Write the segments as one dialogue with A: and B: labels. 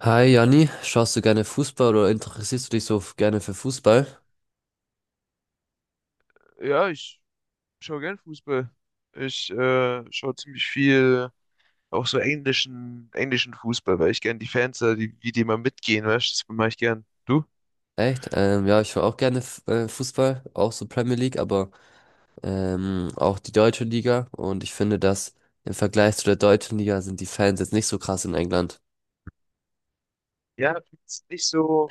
A: Hi Janni, schaust du gerne Fußball oder interessierst du dich so gerne für Fußball?
B: Ja, ich schaue gern Fußball. Ich schaue ziemlich viel auch so englischen Fußball, weil ich gern die Fans, da, die, wie die mal mitgehen, weißt du, das mache ich gern. Du?
A: Echt? Ja, ich schaue auch gerne Fußball, auch so Premier League, aber auch die deutsche Liga. Und ich finde, dass im Vergleich zu der deutschen Liga sind die Fans jetzt nicht so krass in England.
B: Ja, find's nicht so,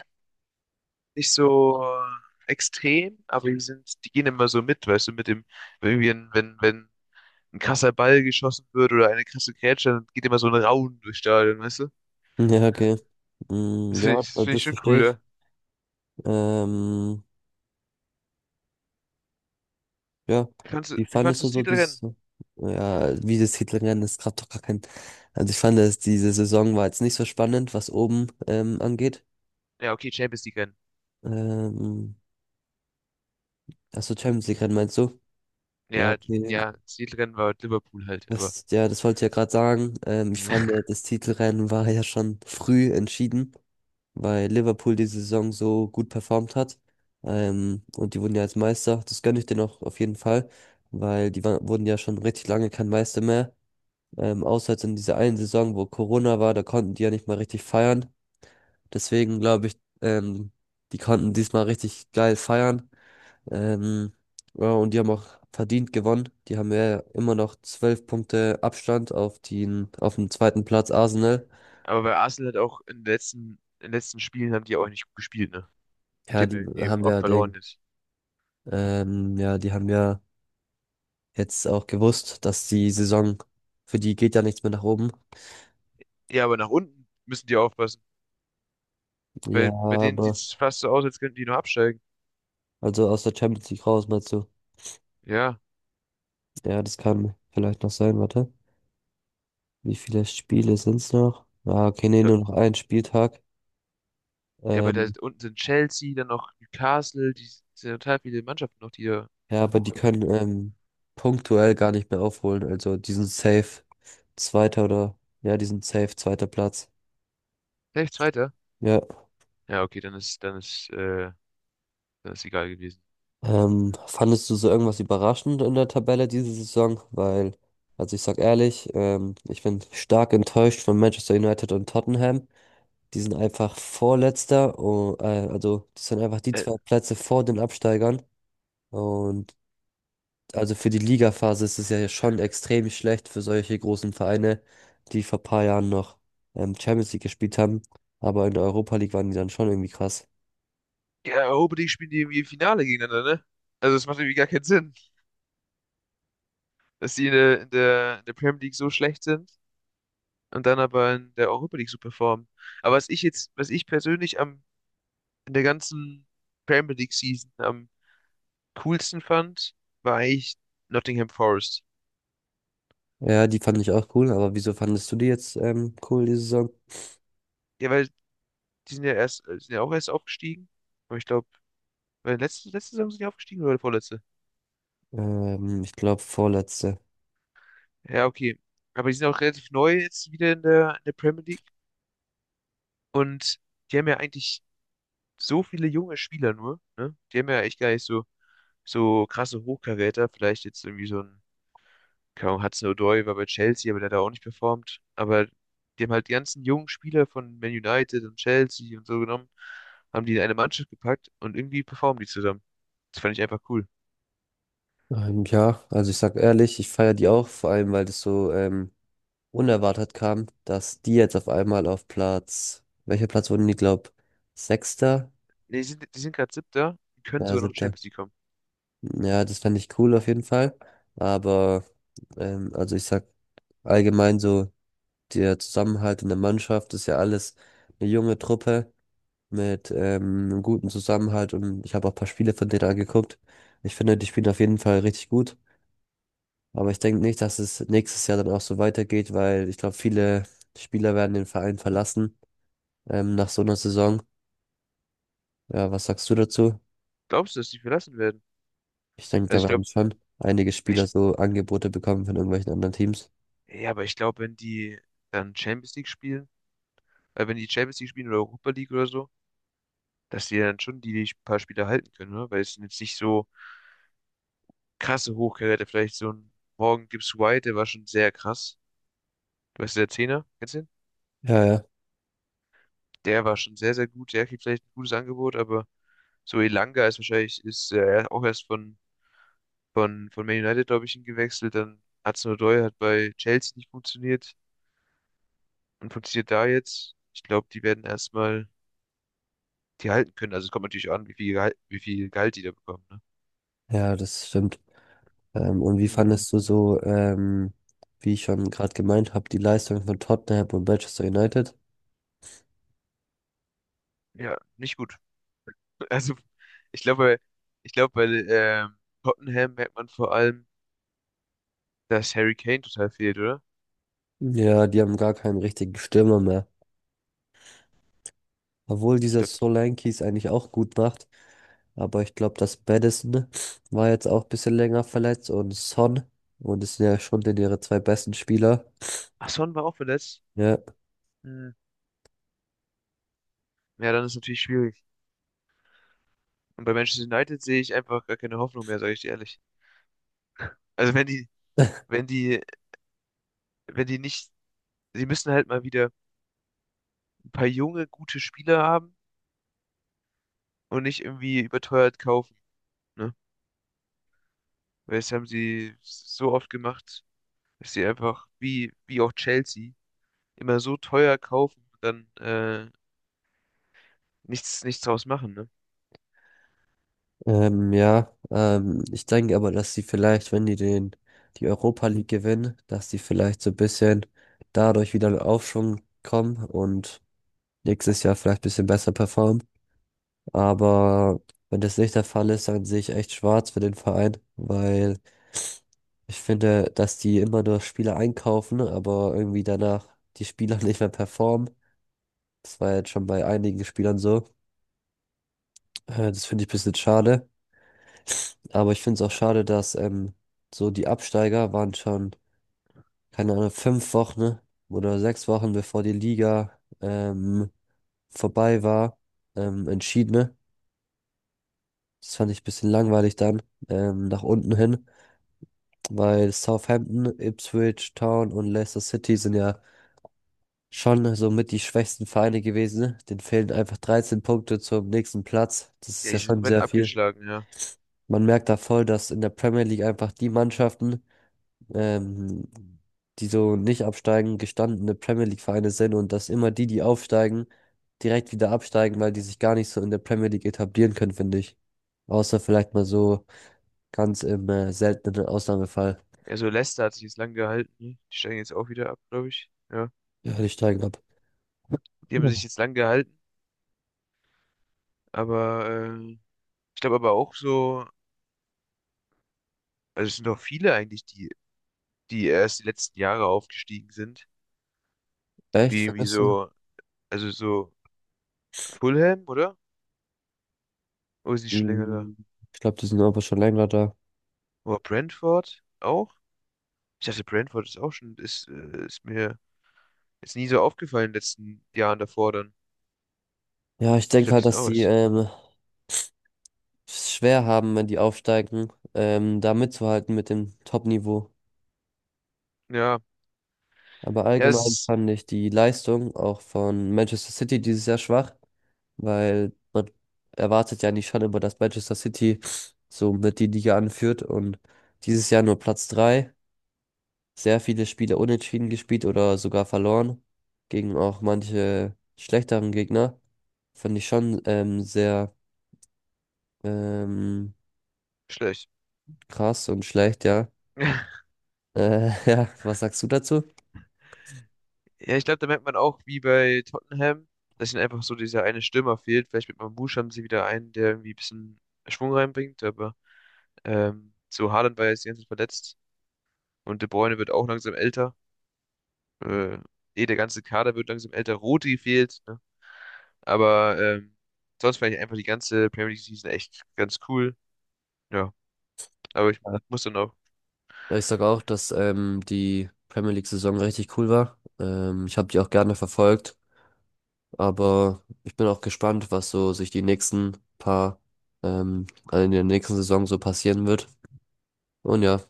B: nicht so extrem, aber die sind, die gehen immer so mit, weißt du, mit dem, wenn irgendwie wenn ein krasser Ball geschossen wird oder eine krasse Grätsche, dann geht immer so ein Raunen durchs Stadion, weißt du?
A: Ja, okay. Mm,
B: Das finde
A: ja,
B: ich, das
A: also
B: finde ich
A: das
B: schon
A: verstehe
B: cool,
A: ich.
B: ja.
A: Ähm, ja,
B: Wie fandst du,
A: wie
B: wie fandst
A: fandest
B: du
A: du
B: das
A: so dieses,
B: Titelrennen?
A: ja, wie das Hitlerrennen, das gab doch gar kein, also ich fand, dass diese Saison war jetzt nicht so spannend, was oben angeht.
B: Ja, okay, Champions League Rennen.
A: Ähm, Achso, Champions League Rennen meinst du? Ja,
B: Ja,
A: okay.
B: ja, das Titelrennen war Liverpool halt, aber.
A: Das, ja, das wollte ich ja gerade sagen. Ich fand, das Titelrennen war ja schon früh entschieden, weil Liverpool die Saison so gut performt hat. Und die wurden ja als Meister. Das gönne ich denen auch auf jeden Fall, weil die waren wurden ja schon richtig lange kein Meister mehr. Außer jetzt in dieser einen Saison, wo Corona war, da konnten die ja nicht mal richtig feiern. Deswegen glaube ich, die konnten diesmal richtig geil feiern. Ähm, ja, und die haben auch verdient gewonnen. Die haben ja immer noch 12 Punkte Abstand auf den zweiten Platz Arsenal.
B: Aber bei Arsenal hat auch in den letzten Spielen haben die auch nicht gut gespielt, ne? Die
A: Ja,
B: haben
A: die
B: irgendwie
A: haben
B: oft
A: ja
B: verloren
A: den,
B: jetzt.
A: ja, die haben ja jetzt auch gewusst, dass die Saison für die geht ja nichts mehr nach oben.
B: Ja, aber nach unten müssen die aufpassen.
A: Ja,
B: Bei denen sieht
A: aber
B: es fast so aus, als könnten die nur absteigen.
A: also aus der Champions League raus, meinst du?
B: Ja,
A: Ja, das kann vielleicht noch sein, warte. Wie viele Spiele sind's noch? Ah, okay, nee,
B: da,
A: nur noch ein Spieltag.
B: ja, aber da
A: Ähm,
B: unten sind Chelsea, dann noch Newcastle, die sind total viele Mannschaften noch, die da
A: Ja, aber die
B: hochkommen können.
A: können punktuell gar nicht mehr aufholen. Also die sind safe Zweiter oder ja, die sind safe zweiter Platz.
B: Vielleicht Zweiter?
A: Ja.
B: Ja, okay, dann ist egal gewesen.
A: Fandest du so irgendwas überraschend in der Tabelle diese Saison? Weil, also ich sag ehrlich, ich bin stark enttäuscht von Manchester United und Tottenham. Die sind einfach Vorletzter, oh, also das sind einfach die
B: Äh,
A: zwei Plätze vor den Absteigern. Und also für die Ligaphase ist es ja schon extrem schlecht für solche großen Vereine, die vor ein paar Jahren noch Champions League gespielt haben. Aber in der Europa League waren die dann schon irgendwie krass.
B: Ja, Europa League spielen die irgendwie im Finale gegeneinander, ne? Also es macht irgendwie gar keinen Sinn, dass die in der Premier League so schlecht sind und dann aber in der Europa League so performen. Aber was ich persönlich am, in der ganzen Premier League Season am coolsten fand, war eigentlich Nottingham Forest.
A: Ja, die fand ich auch cool, aber wieso fandest du die jetzt cool, die Saison?
B: Ja, weil die sind ja erst, sind ja auch erst aufgestiegen. Aber ich glaube, letzte Saison sind die aufgestiegen oder vorletzte?
A: Ich glaube vorletzte.
B: Ja, okay. Aber die sind auch relativ neu jetzt wieder in der Premier League. Und die haben ja eigentlich so viele junge Spieler nur, ne? Die haben ja echt gar nicht so, so krasse Hochkaräter. Vielleicht jetzt irgendwie so ein, keine Ahnung, Hudson-Odoi war bei Chelsea, aber der hat da auch nicht performt. Aber die haben halt die ganzen jungen Spieler von Man United und Chelsea und so genommen, haben die in eine Mannschaft gepackt und irgendwie performen die zusammen. Das fand ich einfach cool.
A: Ja, also ich sag ehrlich, ich feiere die auch, vor allem weil das so unerwartet kam, dass die jetzt auf einmal auf Platz, welcher Platz wurden die, glaub, Sechster?
B: Nee, die sind gerade Siebter, die können
A: Ja,
B: sogar noch
A: siebter.
B: Champions League kommen.
A: Ja, das fände ich cool auf jeden Fall. Aber, also ich sag allgemein so, der Zusammenhalt in der Mannschaft ist ja alles eine junge Truppe mit einem guten Zusammenhalt und ich habe auch ein paar Spiele von denen angeguckt. Ich finde, die spielen auf jeden Fall richtig gut. Aber ich denke nicht, dass es nächstes Jahr dann auch so weitergeht, weil ich glaube, viele Spieler werden den Verein verlassen nach so einer Saison. Ja, was sagst du dazu?
B: Glaubst du, dass die verlassen werden?
A: Ich denke,
B: Also
A: da
B: ich
A: werden
B: glaube,
A: schon einige Spieler
B: ich,
A: so Angebote bekommen von irgendwelchen anderen Teams.
B: ja, aber ich glaube, wenn die dann Champions League spielen, wenn die Champions League spielen oder Europa League oder so, dass die dann schon die, paar Spiele halten können, ne? Weil es sind jetzt nicht so krasse Hochkaräter. Vielleicht so ein Morgan Gibbs White, der war schon sehr krass. Du weißt, der Zehner, kennst du den?
A: Ja, ja.
B: Der war schon sehr, sehr gut. Der kriegt vielleicht ein gutes Angebot, aber so Elanga ist wahrscheinlich, ist auch erst von, von Man United, glaube ich, hingewechselt. Dann Hudson Odoi hat bei Chelsea nicht funktioniert und funktioniert da jetzt. Ich glaube, die werden erstmal die halten können. Also es kommt natürlich an, wie viel Gehalt die da bekommen, ne?
A: Ja, das stimmt. Und wie
B: Ja,
A: fandest du so, wie ich schon gerade gemeint habe, die Leistung von Tottenham und Manchester United?
B: ja, nicht gut. Also, ich glaube, ich glaube, bei Tottenham merkt man vor allem, dass Harry Kane total fehlt, oder?
A: Ja, die haben gar keinen richtigen Stürmer mehr. Obwohl
B: Ich
A: dieser
B: glaube,
A: Solanke es eigentlich auch gut macht. Aber ich glaube, das Maddison war jetzt auch ein bisschen länger verletzt und Son. Und es sind ja schon denn ihre zwei besten Spieler.
B: ach, Son war auch verletzt.
A: Ja.
B: Hm. Ja, dann ist natürlich schwierig. Und bei Manchester United sehe ich einfach gar keine Hoffnung mehr, sage ich dir ehrlich. Also wenn die, wenn die nicht, sie müssen halt mal wieder ein paar junge, gute Spieler haben und nicht irgendwie überteuert kaufen, ne? Weil das haben sie so oft gemacht, dass sie einfach, wie auch Chelsea, immer so teuer kaufen und dann nichts draus machen, ne?
A: Ja, Ich denke aber, dass sie vielleicht, wenn die die Europa League gewinnen, dass sie vielleicht so ein bisschen dadurch wieder in Aufschwung kommen und nächstes Jahr vielleicht ein bisschen besser performen. Aber wenn das nicht der Fall ist, dann sehe ich echt schwarz für den Verein, weil ich finde, dass die immer nur Spieler einkaufen, aber irgendwie danach die Spieler nicht mehr performen. Das war jetzt schon bei einigen Spielern so. Das finde ich ein bisschen schade. Aber ich finde es auch
B: Äh,
A: schade, dass so die Absteiger waren schon, keine Ahnung, 5 Wochen oder 6 Wochen, bevor die Liga vorbei war, entschieden, ne? Das fand ich ein bisschen langweilig dann, nach unten hin, weil Southampton, Ipswich Town und Leicester City sind ja schon so mit die schwächsten Vereine gewesen, ne? Denen fehlen einfach 13 Punkte zum nächsten Platz. Das ist
B: Ja, die
A: ja
B: sind
A: schon
B: komplett
A: sehr viel.
B: abgeschlagen, ja.
A: Man merkt da voll, dass in der Premier League einfach die Mannschaften, ähm, die so nicht absteigen, gestandene Premier League-Vereine sind und dass immer die, die aufsteigen, direkt wieder absteigen, weil die sich gar nicht so in der Premier League etablieren können, finde ich. Außer vielleicht mal so ganz im seltenen Ausnahmefall.
B: Ja, so Leicester hat sich jetzt lang gehalten, ne? Die steigen jetzt auch wieder ab, glaube ich. Ja.
A: Ja, die steigen ab.
B: Die haben
A: Ja.
B: sich jetzt lang gehalten, aber ich glaube aber auch so, also es sind doch viele eigentlich, die erst die letzten Jahre aufgestiegen sind.
A: Echt,
B: Wie, wie
A: findest du?
B: so, also so Fulham, oder? Oder ist die schon länger da?
A: Hm, Ich glaube, die sind aber schon länger da.
B: Oder Brentford auch? Ich dachte, Brentford ist auch schon, ist, ist mir jetzt nie so aufgefallen in den letzten Jahren davor dann.
A: Ja, ich
B: Ich
A: denke
B: glaube, die
A: halt,
B: sind
A: dass
B: auch
A: die
B: was.
A: es schwer haben, wenn die aufsteigen, da mitzuhalten mit dem Top-Niveau.
B: Ja,
A: Aber
B: ja, es
A: allgemein
B: ist
A: fand ich die Leistung auch von Manchester City dieses Jahr schwach, weil man erwartet ja nicht schon immer, dass Manchester City so mit die Liga anführt und dieses Jahr nur Platz drei sehr viele Spiele unentschieden gespielt oder sogar verloren gegen auch manche schlechteren Gegner. Fand ich schon sehr ähm,
B: schlecht.
A: krass und schlecht, ja. Ja, was sagst du dazu?
B: Ja, ich glaube, da merkt man auch, wie bei Tottenham, dass ihnen einfach so dieser eine Stürmer fehlt. Vielleicht mit Mamouche haben sie wieder einen, der irgendwie ein bisschen Schwung reinbringt, aber so Haaland war ja jetzt die ganze Zeit verletzt und De Bruyne wird auch langsam älter. Äh, Der ganze Kader wird langsam älter. Rodri fehlt, ne? Aber sonst fand ich einfach die ganze Premier League Season echt ganz cool. Ja, aber ich muss dann auch.
A: Ja, ich sage auch, dass die Premier League-Saison richtig cool war. Ich habe die auch gerne verfolgt, aber ich bin auch gespannt, was so sich die nächsten paar also in der nächsten Saison so passieren wird. Und ja.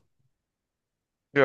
B: Ja